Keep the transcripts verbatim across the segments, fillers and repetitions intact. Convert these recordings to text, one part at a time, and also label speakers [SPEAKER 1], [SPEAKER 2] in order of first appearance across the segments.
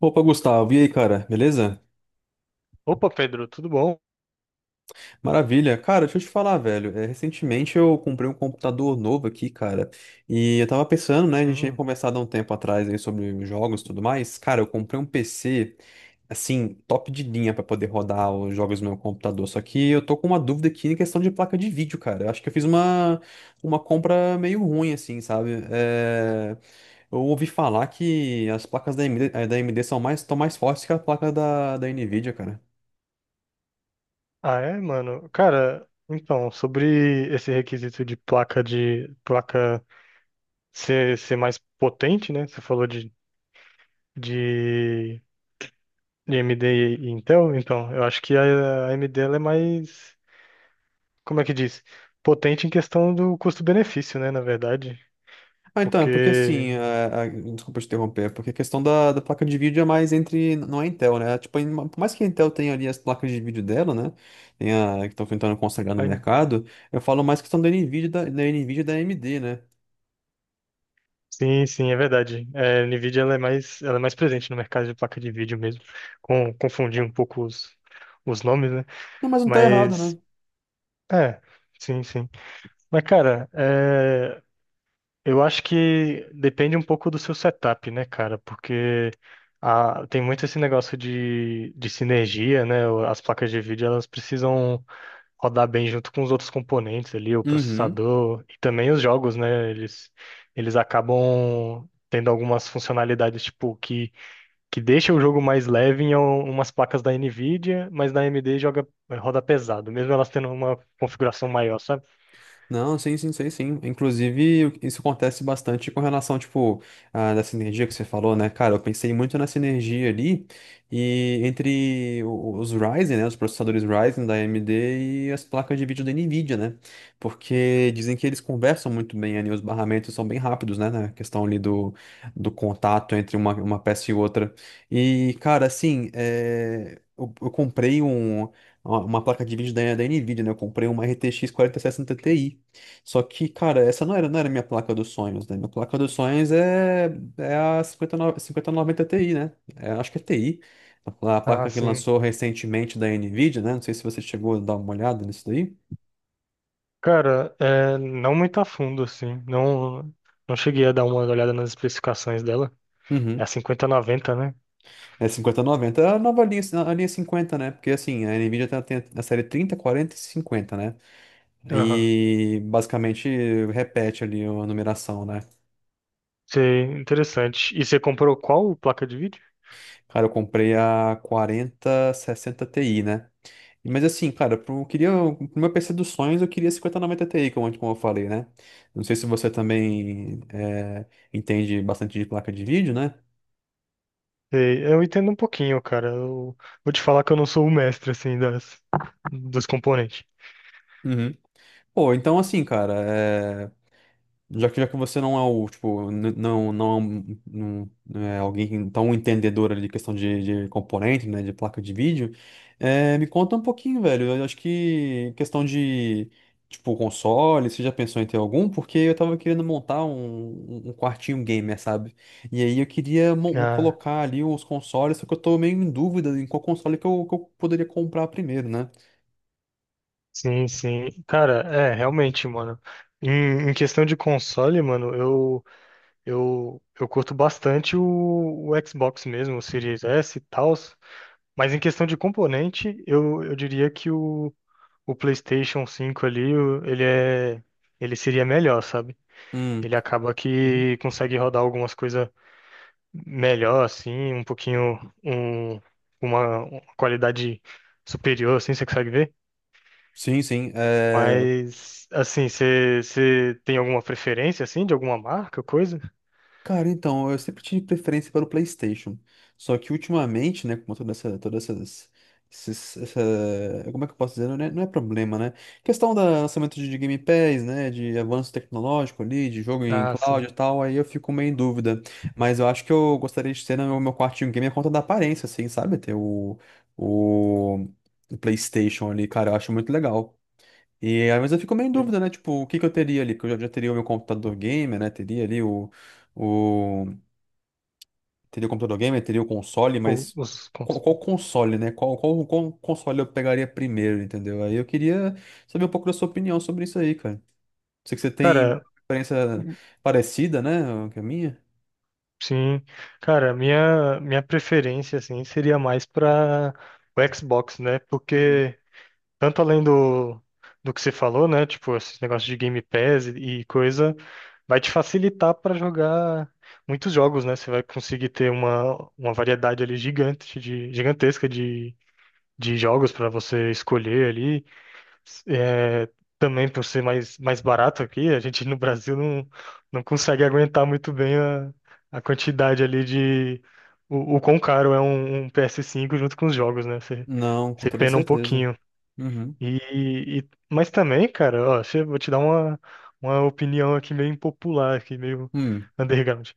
[SPEAKER 1] Opa, Gustavo, e aí, cara, beleza?
[SPEAKER 2] Opa, Pedro, tudo bom?
[SPEAKER 1] Maravilha. Cara, deixa eu te falar, velho. É, recentemente eu comprei um computador novo aqui, cara. E eu tava pensando, né? A gente tinha
[SPEAKER 2] Hum.
[SPEAKER 1] conversado há um tempo atrás aí sobre jogos e tudo mais. Cara, eu comprei um P C, assim, top de linha pra poder rodar os jogos no meu computador. Só que eu tô com uma dúvida aqui em questão de placa de vídeo, cara. Eu acho que eu fiz uma, uma compra meio ruim, assim, sabe? É, Eu ouvi falar que as placas da A M D, eh, da A M D são mais, estão mais fortes que a placa da, da Nvidia, cara.
[SPEAKER 2] Ah, é, mano? Cara, então, sobre esse requisito de placa de placa ser, ser mais potente, né? Você falou de, de, de A M D e Intel, então, eu acho que a a AMD ela é mais, como é que diz? Potente em questão do custo-benefício, né? Na verdade,
[SPEAKER 1] Ah, então, é porque
[SPEAKER 2] porque
[SPEAKER 1] assim, a- a- desculpa te interromper, é porque a questão da, da placa de vídeo é mais entre, não é Intel, né? Tipo, em- por mais que a Intel tenha ali as placas de vídeo dela, né? Tem a, que estão tentando consagrar no
[SPEAKER 2] a-
[SPEAKER 1] mercado, eu falo mais questão da NVIDIA, e da, da NVIDIA e da A M D, né?
[SPEAKER 2] sim, sim, é verdade. É, a Nvidia ela é mais, ela é mais presente no mercado de placa de vídeo mesmo, com, confundir um pouco os, os nomes, né?
[SPEAKER 1] Não, mas não tá errado, né?
[SPEAKER 2] Mas É, sim, sim. Mas, cara, é, eu acho que depende um pouco do seu setup, né, cara? Porque a- tem muito esse negócio de, de sinergia, né? O- As placas de vídeo, elas precisam rodar bem junto com os outros componentes ali, o
[SPEAKER 1] Uhum.
[SPEAKER 2] processador e também os jogos, né? Eles, eles acabam tendo algumas funcionalidades, tipo, que, que deixa o jogo mais leve em um- umas placas da NVIDIA, mas na A M D joga, roda pesado, mesmo elas tendo uma configuração maior, sabe?
[SPEAKER 1] Não, sim, sim, sei sim. Inclusive, isso acontece bastante com relação, tipo, a, da sinergia que você falou, né? Cara, eu pensei muito na sinergia ali e entre o- os Ryzen, né? Os processadores Ryzen da A M D e as placas de vídeo da Nvidia, né? Porque dizem que eles conversam muito bem ali, os barramentos são bem rápidos, né? Na questão ali do, do contato entre uma, uma peça e outra. E, cara, assim, é, eu eu comprei um uma uma placa de vídeo da, da Nvidia, né? Eu comprei uma R T X quarenta e sessenta Ti. Só que, cara, essa não era, não era minha placa dos sonhos, né? Minha placa dos sonhos é, é a cinquenta e nove cinquenta e noventa Ti, né? É, acho que é Ti. A a
[SPEAKER 2] Ah,
[SPEAKER 1] placa que
[SPEAKER 2] sim.
[SPEAKER 1] lançou recentemente da Nvidia, né? Não sei se você chegou a dar uma olhada nisso daí.
[SPEAKER 2] Cara, é, não muito a fundo, assim. Não, não cheguei a dar uma olhada nas especificações dela. É a
[SPEAKER 1] Uhum.
[SPEAKER 2] cinquenta noventa, né?
[SPEAKER 1] É cinquenta e noventa, é a nova linha, a linha cinquenta, né? Porque assim, a Nvidia tá- tem a série trinta, quarenta e cinquenta, né?
[SPEAKER 2] Aham.
[SPEAKER 1] E basicamente repete ali a numeração, né?
[SPEAKER 2] Sei, interessante. E você comprou qual placa de vídeo?
[SPEAKER 1] Cara, eu comprei a quarenta e sessenta Ti, né? Mas assim, cara, pro, eu queria, pro meu P C dos sonhos, eu queria cinquenta e noventa Ti, como, como eu falei, né? Não sei se você também é, entende bastante de placa de vídeo, né?
[SPEAKER 2] Sei, eu entendo um pouquinho, cara. Eu vou te falar que eu não sou o mestre, assim, das, dos componentes.
[SPEAKER 1] Uhum. Pô, então assim, cara, eh, Já que, já que você não é o, tipo, n- não, não, é um- não, não é alguém tão entendedor ali de questão de, de componente, né, de placa de vídeo, eh, me conta um pouquinho, velho. Eu acho que questão de, tipo, console, você já pensou em ter algum? Porque eu tava querendo montar um, um um quartinho gamer, sabe? E aí eu queria mon-
[SPEAKER 2] Ah,
[SPEAKER 1] colocar ali os consoles, só que eu tô meio em dúvida em qual console que eu, que eu poderia comprar primeiro, né?
[SPEAKER 2] sim, sim. Cara, é, realmente, mano. Em, em questão de console, mano, eu Eu, eu curto bastante o, o Xbox mesmo, o Series S e tal, mas em questão de componente, eu, eu diria que o, o PlayStation cinco ali, o- ele é, ele seria melhor, sabe?
[SPEAKER 1] Hum.
[SPEAKER 2] Ele acaba
[SPEAKER 1] Uhum.
[SPEAKER 2] que consegue rodar algumas coisas melhor, assim, um pouquinho, um, uma, uma qualidade superior, assim, você consegue ver?
[SPEAKER 1] Sim, sim. É,
[SPEAKER 2] Mas, assim, você você tem alguma preferência, assim, de alguma marca, coisa?
[SPEAKER 1] Cara, então, eu sempre tive preferência para o PlayStation. Só que ultimamente, né, com toda essa, todas essas, esses- essa, como é que eu posso dizer? Não é, não é problema, né? Questão do lançamento de de Game Pass, né, de avanço tecnológico ali, de jogo em
[SPEAKER 2] Ah, sim.
[SPEAKER 1] cloud e tal, aí eu fico meio em dúvida. Mas eu acho que eu gostaria de ter no meu quartinho game a conta da aparência, assim, sabe? Ter o, o, o PlayStation ali, cara, eu acho muito legal. E às vezes eu fico meio em dúvida, né? Tipo, o que que eu teria ali? Que eu já, já teria o meu computador gamer, né? Teria ali o, o... Teria o computador gamer, teria o console,
[SPEAKER 2] O-
[SPEAKER 1] mas
[SPEAKER 2] Os,
[SPEAKER 1] qual,
[SPEAKER 2] cons-
[SPEAKER 1] qual console, né? Qual, qual, qual console eu pegaria primeiro, entendeu? Aí eu queria saber um pouco da sua opinião sobre isso aí, cara. Sei que você tem
[SPEAKER 2] cara,
[SPEAKER 1] experiência parecida, né? Que a minha.
[SPEAKER 2] sim, cara, minha minha preferência assim seria mais para o Xbox, né?
[SPEAKER 1] Uhum.
[SPEAKER 2] Porque tanto além do do que você falou, né? Tipo, esses negócios de Game Pass e e coisa, vai te facilitar para jogar muitos jogos, né? Você vai conseguir ter uma uma variedade ali gigante de gigantesca de de jogos para você escolher ali. É, também por ser mais, mais barato aqui, a gente no Brasil não, não consegue aguentar muito bem a, a quantidade ali de. O, o quão caro é um, um P S cinco junto com os jogos, né? Você,
[SPEAKER 1] Não, com
[SPEAKER 2] você
[SPEAKER 1] toda
[SPEAKER 2] pena um
[SPEAKER 1] certeza.
[SPEAKER 2] pouquinho.
[SPEAKER 1] Uhum.
[SPEAKER 2] E, e- mas também, cara, ó, deixa eu- vou te dar uma, uma opinião aqui meio impopular, aqui meio
[SPEAKER 1] Hum,
[SPEAKER 2] underground.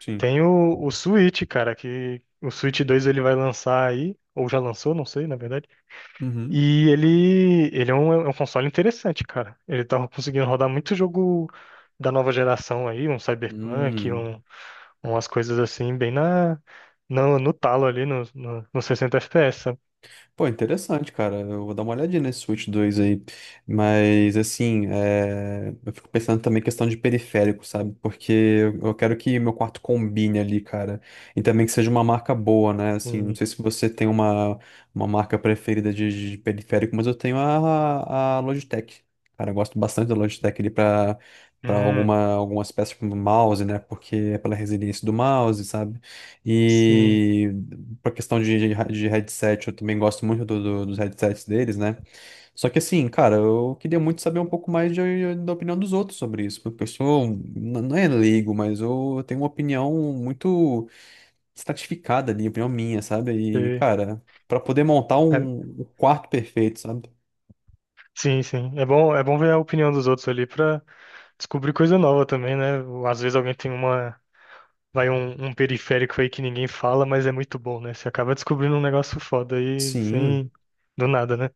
[SPEAKER 1] sim.
[SPEAKER 2] Tem o, o Switch, cara, que o Switch dois ele vai lançar aí, ou já lançou, não sei, na verdade.
[SPEAKER 1] Uhum.
[SPEAKER 2] E ele, ele é um, é um console interessante, cara. Ele tava conseguindo rodar muito jogo da nova geração aí, um Cyberpunk,
[SPEAKER 1] Hum.
[SPEAKER 2] um, umas coisas assim, bem na, no, no talo ali, no, no, no sessenta F P S, sabe?
[SPEAKER 1] Pô, interessante, cara. Eu vou dar uma olhadinha nesse Switch dois aí. Mas, assim, é, eu fico pensando também em questão de periférico, sabe? Porque eu eu quero que meu quarto combine ali, cara. E também que seja uma marca boa, né? Assim, não
[SPEAKER 2] Hum,
[SPEAKER 1] sei se você tem uma, uma marca preferida de, de periférico, mas eu tenho a, a Logitech. Cara, eu gosto bastante da Logitech ali pra, pra
[SPEAKER 2] hum,
[SPEAKER 1] alguma, algumas peças como mouse, né? Porque é pela resiliência do mouse, sabe?
[SPEAKER 2] sim,
[SPEAKER 1] E. Pra questão de, de headset, eu também gosto muito do- do- dos headsets deles, né? Só que assim, cara, eu queria muito saber um pouco mais de- da opinião dos outros sobre isso, porque eu sou, um, n- não é leigo, mas eu tenho uma opinião muito estratificada ali, opinião minha, sabe? E,
[SPEAKER 2] é,
[SPEAKER 1] cara, pra poder montar
[SPEAKER 2] é,
[SPEAKER 1] um, um quarto perfeito, sabe?
[SPEAKER 2] sim, sim. É bom, é bom ver a opinião dos outros ali pra descobrir coisa nova também, né? Às vezes alguém tem uma, vai um, um periférico aí que ninguém fala, mas é muito bom, né? Você acaba descobrindo um negócio foda aí,
[SPEAKER 1] Sim.
[SPEAKER 2] sem, do nada, né?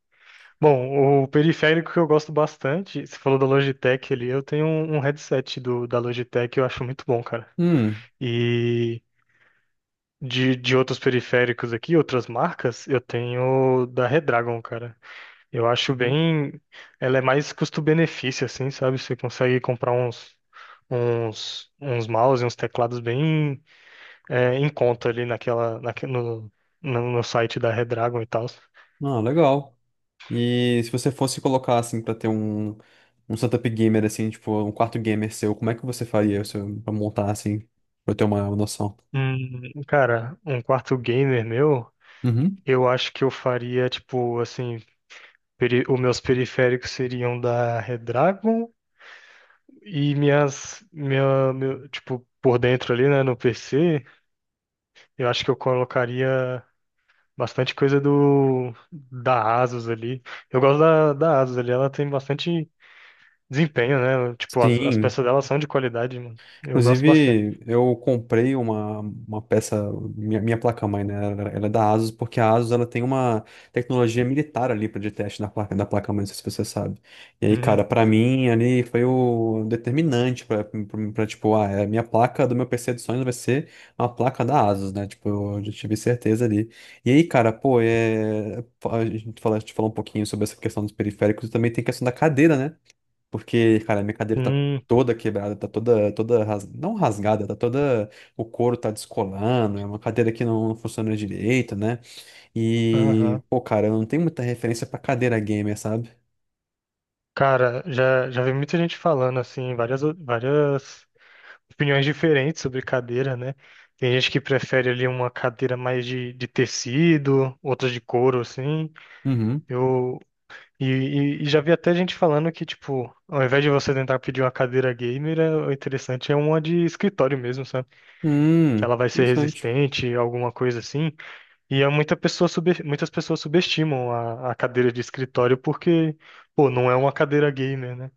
[SPEAKER 2] Bom, o periférico que eu gosto bastante, você falou da Logitech ali, eu tenho um, um headset do, da Logitech, eu acho muito bom, cara.
[SPEAKER 1] Hum.
[SPEAKER 2] E de, de outros periféricos aqui, outras marcas, eu tenho da Redragon, cara. Eu acho
[SPEAKER 1] Uhum.
[SPEAKER 2] bem. Ela é mais custo-benefício, assim, sabe? Você consegue comprar uns, uns, uns mouse e uns teclados bem é, em conta ali naquela, naque- no, no, no site da Redragon e tal.
[SPEAKER 1] Ah, legal. E se você fosse colocar, assim, pra ter um, um setup gamer, assim, tipo, um quarto gamer seu, como é que você faria seu, pra montar, assim, pra eu ter uma noção?
[SPEAKER 2] Hum, cara, um quarto gamer meu.
[SPEAKER 1] Uhum.
[SPEAKER 2] Eu acho que eu faria, tipo, assim, peri- os meus periféricos seriam da Redragon e minhas, minha, meu, tipo, por dentro ali, né, no P C, eu acho que eu colocaria bastante coisa do da Asus ali. Eu gosto da, da Asus ali, ela tem bastante desempenho, né? Tipo, as, as
[SPEAKER 1] Sim,
[SPEAKER 2] peças dela são de qualidade, mano. Eu gosto bastante.
[SPEAKER 1] inclusive, eu comprei uma, uma peça, minha, minha placa-mãe, né? Ela, ela é da ASUS, porque a ASUS ela tem uma tecnologia militar ali pra de teste na placa, da placa-mãe, não sei se você sabe. E aí,
[SPEAKER 2] Uhum.
[SPEAKER 1] cara, pra mim ali foi o determinante pra, pra, pra, tipo, ah, é a minha placa do meu P C de sonhos vai ser uma placa da ASUS, né? Tipo, eu já tive certeza ali. E aí, cara, pô, é, a gente fala, a gente falou um pouquinho sobre essa questão dos periféricos e também tem a questão da cadeira, né? Porque, cara, minha cadeira tá
[SPEAKER 2] Sim,
[SPEAKER 1] toda quebrada, tá toda, toda, ras... não rasgada, tá toda, o couro tá descolando, é uma cadeira que não funciona direito, né? E,
[SPEAKER 2] aham.
[SPEAKER 1] pô, cara, eu não tenho muita referência pra cadeira gamer, sabe?
[SPEAKER 2] Cara, já, já vi muita gente falando, assim, várias, várias opiniões diferentes sobre cadeira, né? Tem gente que prefere ali uma cadeira mais de, de tecido, outras de couro, assim.
[SPEAKER 1] Uhum.
[SPEAKER 2] Eu e, e- e já vi até gente falando que, tipo, ao invés de você tentar pedir uma cadeira gamer, é- o interessante é uma de escritório mesmo, sabe? Que
[SPEAKER 1] Hum,
[SPEAKER 2] ela vai ser
[SPEAKER 1] interessante.
[SPEAKER 2] resistente, alguma coisa assim. E é muita pessoa sub- muitas pessoas subestimam a, a cadeira de escritório porque, pô, não é uma cadeira gamer, né?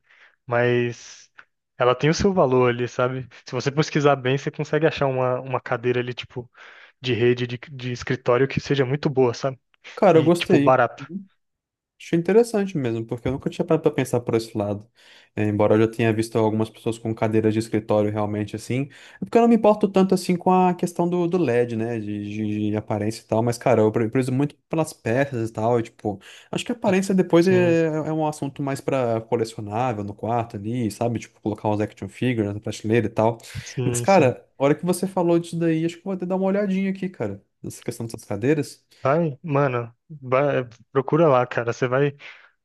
[SPEAKER 2] Mas ela tem o seu valor ali, sabe? Se você pesquisar bem, você consegue achar uma, uma cadeira ali, tipo, de rede, de, de escritório que seja muito boa, sabe?
[SPEAKER 1] Cara, eu
[SPEAKER 2] E, tipo,
[SPEAKER 1] gostei.
[SPEAKER 2] barato.
[SPEAKER 1] Achei interessante mesmo, porque eu nunca tinha parado pra pensar por esse lado. É, embora eu já tenha visto algumas pessoas com cadeiras de escritório realmente assim. É porque eu não me importo tanto assim com a questão do, do léd, né? De, de- de aparência e tal. Mas, cara, eu pre- prezo muito pelas peças e tal. E, tipo, acho que a aparência depois
[SPEAKER 2] Sim,
[SPEAKER 1] é, é um assunto mais pra colecionável no quarto ali, sabe? Tipo, colocar uns action figures na prateleira e tal. Mas,
[SPEAKER 2] sim, sim.
[SPEAKER 1] cara, a hora que você falou disso daí, acho que eu vou até dar uma olhadinha aqui, cara, nessa questão dessas cadeiras.
[SPEAKER 2] Vai, mano, vai- procura lá, cara. Você vai,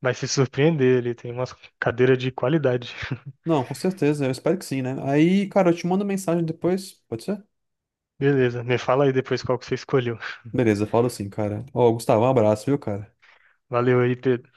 [SPEAKER 2] vai se surpreender ali. Tem umas cadeiras de qualidade.
[SPEAKER 1] Não, com certeza, eu espero que sim, né? Aí, cara, eu te mando mensagem depois, pode ser?
[SPEAKER 2] Beleza, me fala aí depois qual que você escolheu.
[SPEAKER 1] Beleza, falo assim, cara. Ó, Gustavo, um abraço, viu, cara?
[SPEAKER 2] Valeu aí, Pedro.